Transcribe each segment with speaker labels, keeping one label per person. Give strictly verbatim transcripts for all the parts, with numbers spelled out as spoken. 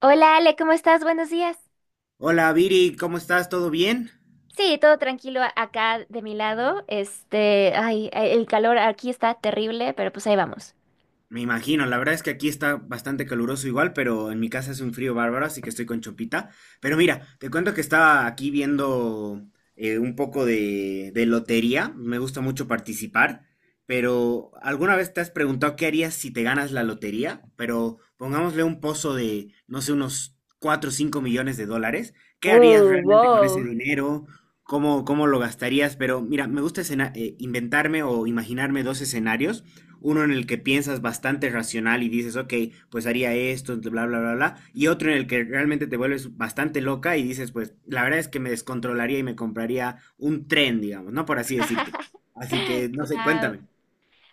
Speaker 1: Hola Ale, ¿cómo estás? Buenos días.
Speaker 2: Hola Viri, ¿cómo estás? ¿Todo bien?
Speaker 1: Sí, todo tranquilo a- acá de mi lado. Este, ay, el calor aquí está terrible, pero pues ahí vamos.
Speaker 2: Me imagino, la verdad es que aquí está bastante caluroso igual, pero en mi casa hace un frío bárbaro, así que estoy con chopita. Pero mira, te cuento que estaba aquí viendo eh, un poco de, de lotería, me gusta mucho participar, pero ¿alguna vez te has preguntado qué harías si te ganas la lotería? Pero pongámosle un pozo de, no sé, unos cuatro o cinco millones de dólares. ¿Qué harías
Speaker 1: Wow,
Speaker 2: realmente con ese
Speaker 1: wow.
Speaker 2: dinero? ¿Cómo, cómo lo gastarías? Pero mira, me gusta escena- eh, inventarme o imaginarme dos escenarios, uno en el que piensas bastante racional y dices, ok, pues haría esto, bla, bla, bla, bla, y otro en el que realmente te vuelves bastante loca y dices, pues la verdad es que me descontrolaría y me compraría un tren, digamos, ¿no? Por así decirte. Así que, no sé,
Speaker 1: Guau.
Speaker 2: cuéntame.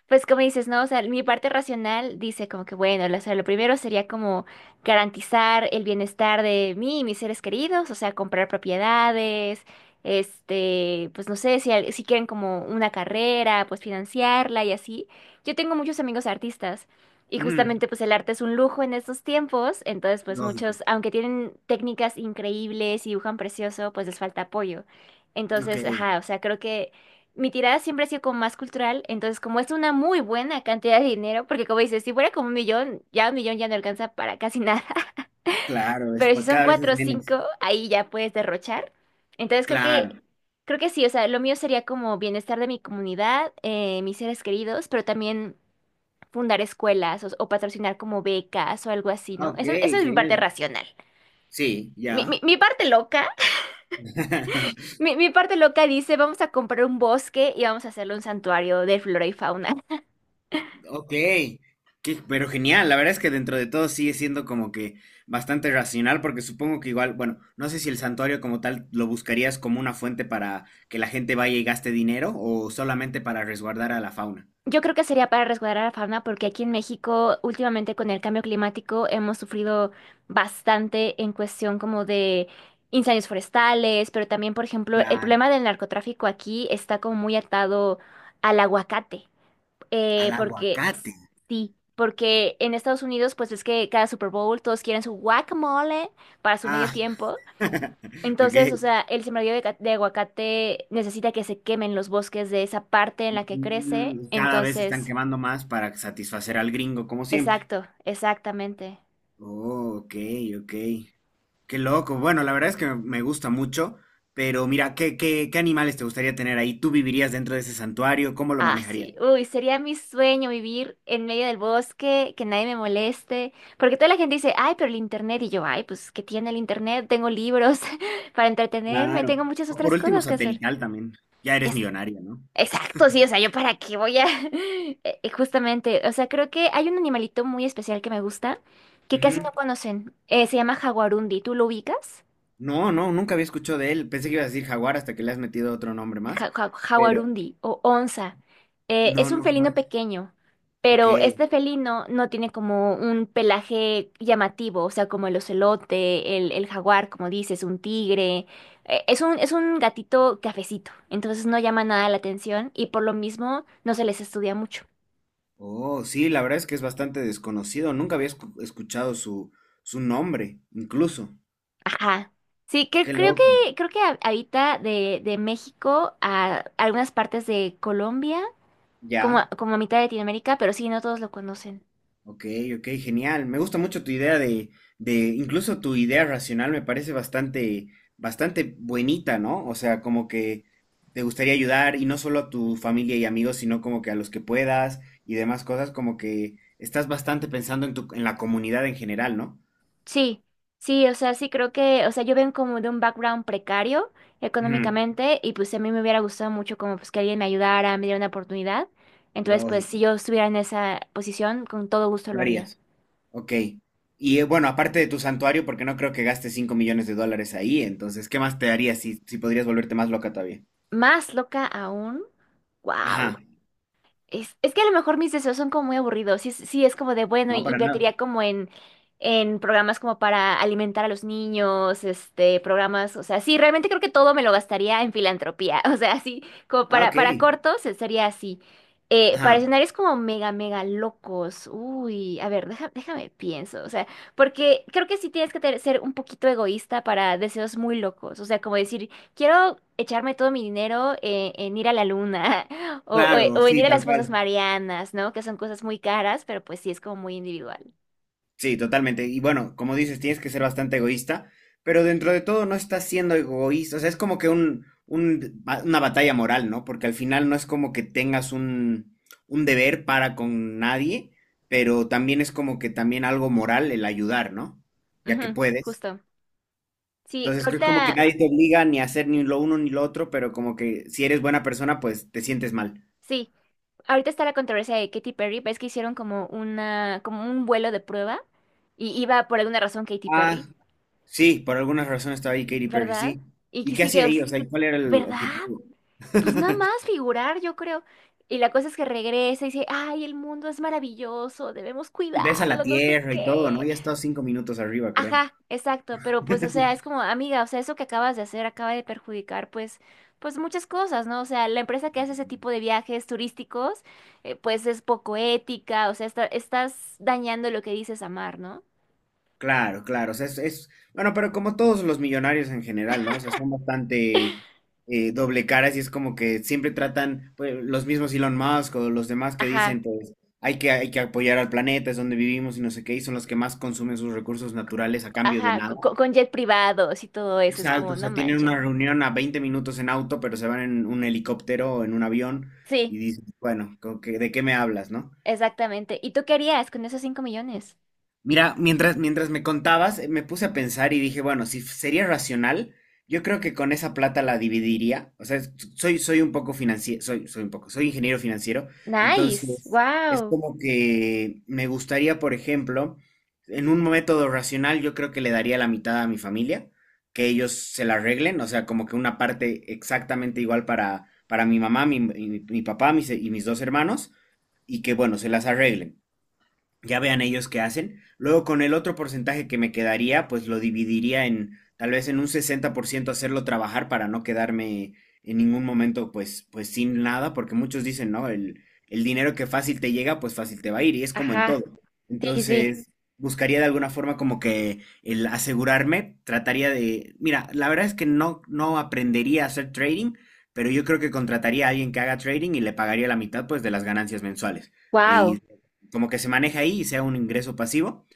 Speaker 1: Pues como dices, ¿no? O sea, mi parte racional dice como que, bueno, lo, o sea, lo primero sería como garantizar el bienestar de mí y mis seres queridos, o sea, comprar propiedades, este, pues no sé, si, al- si quieren como una carrera, pues financiarla y así. Yo tengo muchos amigos artistas y
Speaker 2: Ujú.
Speaker 1: justamente pues el arte es un lujo en estos tiempos, entonces pues
Speaker 2: Lógico.
Speaker 1: muchos, aunque tienen técnicas increíbles y dibujan precioso, pues les falta apoyo.
Speaker 2: Ok,
Speaker 1: Entonces, ajá, o sea, creo que mi tirada siempre ha sido como más cultural, entonces como es una muy buena cantidad de dinero, porque como dices, si fuera como un millón, ya un millón ya no alcanza para casi nada,
Speaker 2: claro, es,
Speaker 1: pero si
Speaker 2: pa-
Speaker 1: son
Speaker 2: cada vez
Speaker 1: cuatro
Speaker 2: es
Speaker 1: o cinco,
Speaker 2: menos.
Speaker 1: ahí ya puedes derrochar. Entonces creo que,
Speaker 2: Claro.
Speaker 1: creo que sí, o sea, lo mío sería como bienestar de mi comunidad, eh, mis seres queridos, pero también fundar escuelas o, o patrocinar como becas o algo así,
Speaker 2: Ah,
Speaker 1: ¿no?
Speaker 2: ok,
Speaker 1: Esa, esa es mi parte
Speaker 2: genial.
Speaker 1: racional.
Speaker 2: Sí,
Speaker 1: Mi, mi,
Speaker 2: ya.
Speaker 1: mi parte loca, mi, mi parte loca dice, vamos a comprar un bosque y vamos a hacerle un santuario de flora y fauna.
Speaker 2: Ok, qué- pero genial, la verdad es que dentro de todo sigue siendo como que bastante racional, porque supongo que igual, bueno, no sé si el santuario como tal lo buscarías como una fuente para que la gente vaya y gaste dinero o solamente para resguardar a la fauna.
Speaker 1: Yo creo que sería para resguardar a la fauna porque aquí en México últimamente con el cambio climático hemos sufrido bastante en cuestión como de incendios forestales, pero también, por ejemplo, el
Speaker 2: Claro,
Speaker 1: problema del narcotráfico aquí está como muy atado al aguacate,
Speaker 2: al
Speaker 1: eh, porque s-
Speaker 2: aguacate.
Speaker 1: sí, porque en Estados Unidos pues es que cada Super Bowl todos quieren su guacamole para su medio
Speaker 2: Ah,
Speaker 1: tiempo,
Speaker 2: ok.
Speaker 1: entonces, o sea, el sembradío de, ca- de aguacate necesita que se quemen los bosques de esa parte en la que crece,
Speaker 2: Mm, Cada vez están
Speaker 1: entonces...
Speaker 2: quemando más para satisfacer al gringo, como siempre.
Speaker 1: Exacto, exactamente.
Speaker 2: Oh, ok, ok. Qué loco. Bueno, la verdad es que me gusta mucho, pero mira, ¿qué, qué, qué animales te gustaría tener ahí? ¿Tú vivirías dentro de ese santuario? ¿Cómo lo
Speaker 1: Ah, sí.
Speaker 2: manejarías?
Speaker 1: Uy, sería mi sueño vivir en medio del bosque, que nadie me moleste. Porque toda la gente dice, ay, pero el internet. Y yo, ay, pues, ¿qué tiene el internet? Tengo libros para entretenerme,
Speaker 2: Claro.
Speaker 1: tengo muchas
Speaker 2: O por
Speaker 1: otras
Speaker 2: último,
Speaker 1: cosas que hacer.
Speaker 2: satelital también. Ya eres
Speaker 1: Es,
Speaker 2: millonaria, ¿no?
Speaker 1: exacto, sí, o sea, ¿yo para qué voy a...? Eh, eh, Justamente, o sea, creo que hay un animalito muy especial que me gusta, que
Speaker 2: Ujú.
Speaker 1: casi no conocen. Eh, se llama jaguarundi. ¿Tú lo ubicas?
Speaker 2: No, no, nunca había escuchado de él. Pensé que ibas a decir jaguar hasta que le has metido otro nombre más.
Speaker 1: ja- ja-
Speaker 2: Pero
Speaker 1: Jaguarundi o onza. Eh, es
Speaker 2: no,
Speaker 1: un
Speaker 2: no,
Speaker 1: felino
Speaker 2: jamás.
Speaker 1: pequeño,
Speaker 2: Ok.
Speaker 1: pero este felino no tiene como un pelaje llamativo, o sea, como el ocelote, el, el jaguar, como dices, un tigre. Eh, es un, es un gatito cafecito, entonces no llama nada la atención y por lo mismo no se les estudia mucho.
Speaker 2: Oh, sí, la verdad es que es bastante desconocido. Nunca había escu- escuchado su, su, nombre, incluso.
Speaker 1: Ajá. Sí, que,
Speaker 2: Qué
Speaker 1: creo que,
Speaker 2: loco.
Speaker 1: creo que ha- habita de, de México a algunas partes de Colombia, como,
Speaker 2: Ya.
Speaker 1: a- como a mitad de Latinoamérica, pero sí, no todos lo conocen.
Speaker 2: Ok, ok, genial. Me gusta mucho tu idea de, de, incluso tu idea racional me parece bastante, bastante buenita, ¿no? O sea, como que te gustaría ayudar y no solo a tu familia y amigos, sino como que a los que puedas y demás cosas, como que estás bastante pensando en tu, en la comunidad en general, ¿no?
Speaker 1: Sí, sí, o sea, sí creo que, o sea, yo vengo como de un background precario
Speaker 2: Ujú,
Speaker 1: económicamente y pues a mí me hubiera gustado mucho como pues que alguien me ayudara, me diera una oportunidad. Entonces, pues si
Speaker 2: lógico,
Speaker 1: yo estuviera en esa posición, con todo gusto
Speaker 2: lo
Speaker 1: lo haría.
Speaker 2: harías. Ok. Y eh, bueno, aparte de tu santuario, porque no creo que gastes cinco millones de dólares ahí, entonces, ¿qué más te harías si, si podrías volverte más loca todavía?
Speaker 1: Más loca aún, wow.
Speaker 2: Ajá,
Speaker 1: Es, es que a lo mejor mis deseos son como muy aburridos. Sí, es- sí, es como de, bueno,
Speaker 2: no, para nada.
Speaker 1: invertiría como en, en programas como para alimentar a los niños, este, programas, o sea, sí, realmente creo que todo me lo gastaría en filantropía. O sea, así, como
Speaker 2: Ah,
Speaker 1: para,
Speaker 2: ok.
Speaker 1: para cortos se- sería así. Eh,
Speaker 2: Ajá,
Speaker 1: para escenarios como mega, mega locos. Uy, a ver, deja- déjame pienso. O sea, porque creo que sí tienes que ter- ser un poquito egoísta para deseos muy locos. O sea, como decir, quiero echarme todo mi dinero eh, en ir a la luna. O, o-
Speaker 2: claro,
Speaker 1: o venir
Speaker 2: sí,
Speaker 1: a las
Speaker 2: tal
Speaker 1: fosas
Speaker 2: cual.
Speaker 1: marianas, ¿no? Que son cosas muy caras, pero pues sí es como muy individual.
Speaker 2: Sí, totalmente. Y bueno, como dices, tienes que ser bastante egoísta, pero dentro de todo no estás siendo egoísta. O sea, es como que un, un- ba- una batalla moral, ¿no? Porque al final no es como que tengas un, un deber para con nadie, pero también es como que también algo moral el ayudar, ¿no? Ya que
Speaker 1: Ujú,
Speaker 2: puedes.
Speaker 1: justo. Sí,
Speaker 2: Entonces es como que
Speaker 1: ahorita,
Speaker 2: nadie te obliga ni a hacer ni lo uno ni lo otro, pero como que si eres buena persona, pues te sientes mal.
Speaker 1: sí, ahorita está la controversia de Katy Perry, ves que hicieron como una, como un vuelo de prueba y iba por alguna razón Katy
Speaker 2: Ah,
Speaker 1: Perry,
Speaker 2: sí, por alguna razón estaba ahí Katy Perry,
Speaker 1: ¿verdad?
Speaker 2: sí.
Speaker 1: Y
Speaker 2: ¿Y
Speaker 1: que
Speaker 2: qué
Speaker 1: sí
Speaker 2: hacía
Speaker 1: que,
Speaker 2: ahí?
Speaker 1: os-
Speaker 2: O sea, ¿y cuál era el
Speaker 1: ¿verdad?
Speaker 2: objetivo?
Speaker 1: Pues nada más figurar, yo creo. Y la cosa es que regresa y dice, ay, el mundo es maravilloso, debemos
Speaker 2: Y ves a la
Speaker 1: cuidarlo, no sé
Speaker 2: tierra y todo, ¿no?
Speaker 1: qué.
Speaker 2: Ya estado cinco minutos arriba, creo.
Speaker 1: Ajá, exacto, pero pues, o sea, es como, amiga, o sea, eso que acabas de hacer acaba de perjudicar, pues, pues muchas cosas, ¿no? O sea, la empresa que hace ese tipo de viajes turísticos, eh, pues es poco ética, o sea, está- estás dañando lo que dices amar, ¿no?
Speaker 2: Claro, claro. O sea, es, es- Bueno, pero como todos los millonarios en general, ¿no? O sea, son bastante eh, doble caras y es como que siempre tratan, pues, los mismos Elon Musk o los demás que
Speaker 1: Ajá,
Speaker 2: dicen, pues, hay que, hay que, apoyar al planeta, es donde vivimos y no sé qué, y son los que más consumen sus recursos naturales a cambio de
Speaker 1: ajá,
Speaker 2: nada.
Speaker 1: co- co- con, jet privados y todo eso, es
Speaker 2: Exacto,
Speaker 1: como,
Speaker 2: o
Speaker 1: no
Speaker 2: sea, tienen una
Speaker 1: manchen.
Speaker 2: reunión a veinte minutos en auto, pero se van en un helicóptero o en un avión y
Speaker 1: Sí,
Speaker 2: dices, bueno, como que, ¿de qué me hablas, no?
Speaker 1: exactamente. ¿Y tú qué harías con esos cinco millones?
Speaker 2: Mira, mientras, mientras me contabas, eh, me puse a pensar y dije, bueno, si f- sería racional, yo creo que con esa plata la dividiría. O sea, es- soy, soy un poco financiero, soy, soy un poco, soy ingeniero financiero.
Speaker 1: Nice,
Speaker 2: Entonces, es
Speaker 1: wow.
Speaker 2: como que me gustaría, por ejemplo, en un método racional, yo creo que le daría la mitad a mi familia, que ellos se la arreglen. O sea, como que una parte exactamente igual para, para, mi mamá, mi, mi- mi papá mis- y mis dos hermanos, y que, bueno, se las arreglen, ya vean ellos qué hacen. Luego con el otro porcentaje que me quedaría, pues lo dividiría en tal vez en un sesenta por ciento hacerlo trabajar para no quedarme en ningún momento pues, pues, sin nada, porque muchos dicen, no, el, el dinero que fácil te llega, pues fácil te va a ir, y es como en
Speaker 1: Ajá,
Speaker 2: todo.
Speaker 1: sí, sí, sí,
Speaker 2: Entonces, buscaría de alguna forma como que el asegurarme, trataría de, mira, la verdad es que no, no aprendería a hacer trading, pero yo creo que contrataría a alguien que haga trading y le pagaría la mitad pues de las ganancias mensuales. Eh, Y
Speaker 1: wow.
Speaker 2: como que se maneja ahí y sea un ingreso pasivo.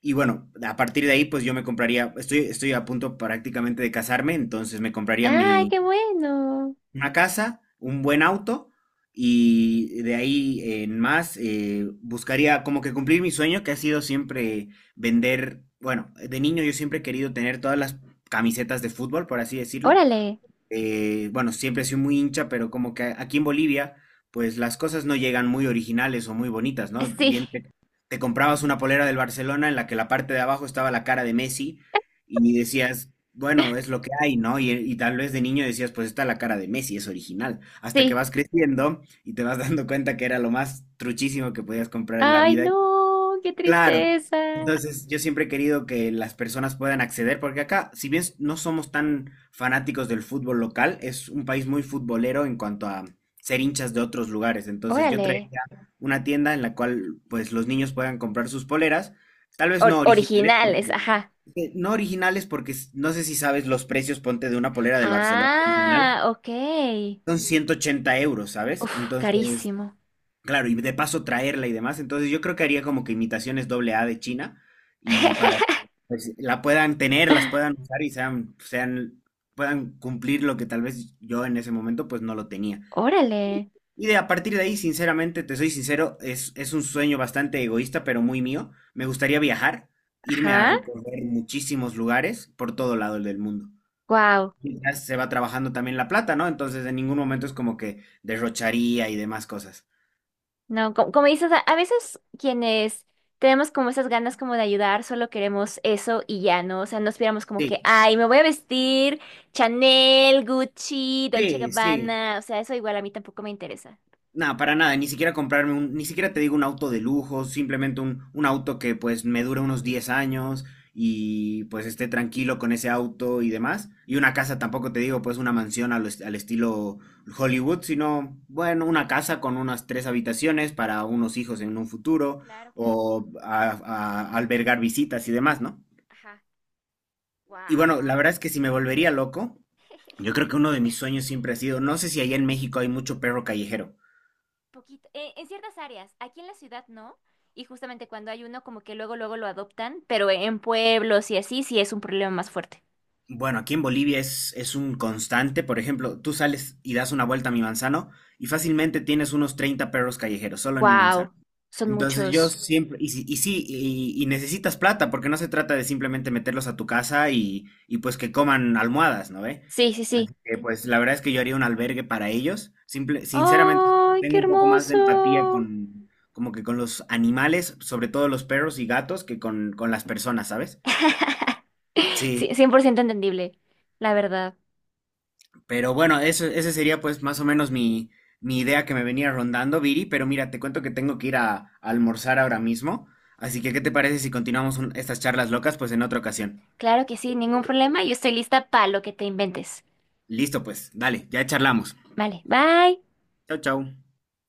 Speaker 2: Y bueno, a partir de ahí, pues yo me compraría, estoy, estoy, a punto prácticamente de casarme, entonces me compraría
Speaker 1: Ay,
Speaker 2: mi,
Speaker 1: qué bueno.
Speaker 2: una casa, un buen auto, y de ahí en más eh, buscaría como que cumplir mi sueño que ha sido siempre vender, bueno, de niño yo siempre he querido tener todas las camisetas de fútbol, por así decirlo,
Speaker 1: Órale,
Speaker 2: eh, bueno, siempre he sido muy hincha, pero como que aquí en Bolivia, pues las cosas no llegan muy originales o muy bonitas, ¿no?
Speaker 1: sí.
Speaker 2: Bien, te, te comprabas una polera del Barcelona en la que la parte de abajo estaba la cara de Messi y decías, bueno, es lo que hay, ¿no? Y, y tal vez de niño decías, pues está la cara de Messi, es original. Hasta que
Speaker 1: Sí.
Speaker 2: vas creciendo y te vas dando cuenta que era lo más truchísimo que podías comprar en la
Speaker 1: Ay,
Speaker 2: vida.
Speaker 1: no, qué
Speaker 2: Claro.
Speaker 1: tristeza.
Speaker 2: Entonces, yo siempre he querido que las personas puedan acceder, porque acá, si bien no somos tan fanáticos del fútbol local, es un país muy futbolero en cuanto a ser hinchas de otros lugares. Entonces, yo
Speaker 1: Órale.
Speaker 2: traería una tienda en la cual, pues, los niños puedan comprar sus poleras, tal vez
Speaker 1: Or-
Speaker 2: no originales,
Speaker 1: originales,
Speaker 2: porque
Speaker 1: ajá.
Speaker 2: eh, no originales, porque s- no sé si sabes los precios, ponte de una polera del Barcelona
Speaker 1: Ah,
Speaker 2: original,
Speaker 1: ok.
Speaker 2: son ciento ochenta euros, ¿sabes?
Speaker 1: Uf,
Speaker 2: Entonces,
Speaker 1: carísimo.
Speaker 2: claro, y de paso traerla y demás. Entonces yo creo que haría como que imitaciones doble A de China y para que pues, la puedan tener, las puedan usar y sean, sean, puedan cumplir lo que tal vez yo en ese momento pues no lo tenía.
Speaker 1: Órale.
Speaker 2: Y de a partir de ahí, sinceramente, te soy sincero, es, es un sueño bastante egoísta, pero muy mío. Me gustaría viajar, irme a
Speaker 1: Ajá.
Speaker 2: recorrer muchísimos lugares por todo lado del mundo.
Speaker 1: Wow.
Speaker 2: Quizás se va trabajando también la plata, ¿no? Entonces en ningún momento es como que derrocharía y demás cosas.
Speaker 1: No, co- como, dices, a, a veces quienes tenemos como esas ganas como de ayudar, solo queremos eso y ya, ¿no? O sea, no esperamos como
Speaker 2: Sí,
Speaker 1: que, ay, me voy a vestir Chanel, Gucci, Dolce
Speaker 2: sí, sí.
Speaker 1: Gabbana. O sea, eso igual a mí tampoco me interesa.
Speaker 2: No, para nada, ni siquiera comprarme un, ni siquiera te digo un auto de lujo, simplemente un, un auto que pues me dure unos diez años y pues esté tranquilo con ese auto y demás. Y una casa tampoco te digo pues una mansión al, est- al estilo Hollywood, sino bueno, una casa con unas tres habitaciones para unos hijos en un futuro
Speaker 1: Claro, claro.
Speaker 2: o a- a- albergar visitas y demás, ¿no?
Speaker 1: Ajá.
Speaker 2: Y
Speaker 1: Wow.
Speaker 2: bueno, la verdad es que si me volvería loco, yo creo que uno de mis sueños siempre ha sido, no sé si allá en México hay mucho perro callejero.
Speaker 1: Poquito. Eh, en ciertas áreas, aquí en la ciudad no, y justamente cuando hay uno como que luego luego lo adoptan, pero en pueblos y así sí es un problema más fuerte.
Speaker 2: Bueno, aquí en Bolivia es, es, un constante. Por ejemplo, tú sales y das una vuelta a mi manzano y fácilmente tienes unos treinta perros callejeros solo en mi manzano.
Speaker 1: Wow, son
Speaker 2: Entonces yo
Speaker 1: muchos.
Speaker 2: siempre, y, si- y sí, y, y necesitas plata, porque no se trata de simplemente meterlos a tu casa y, y pues que coman almohadas, ¿no ve?
Speaker 1: Sí, sí, sí.
Speaker 2: Así que pues la verdad es que yo haría un albergue para ellos. Simple, sinceramente,
Speaker 1: ¡Ay, qué
Speaker 2: tengo un poco más de empatía
Speaker 1: hermoso!
Speaker 2: con, como que con los animales, sobre todo los perros y gatos, que con, con, las personas, ¿sabes? Sí.
Speaker 1: Sí, cien por ciento entendible, la verdad.
Speaker 2: Pero bueno, eso, ese sería pues más o menos mi, mi idea que me venía rondando, Viri, pero mira, te cuento que tengo que ir a, a almorzar ahora mismo, así que ¿qué te parece si continuamos un- estas charlas locas pues en otra ocasión?
Speaker 1: Claro que sí, ningún problema, yo estoy lista para lo que te inventes.
Speaker 2: Listo, pues, dale, ya charlamos.
Speaker 1: Vale, bye.
Speaker 2: Chau, chau.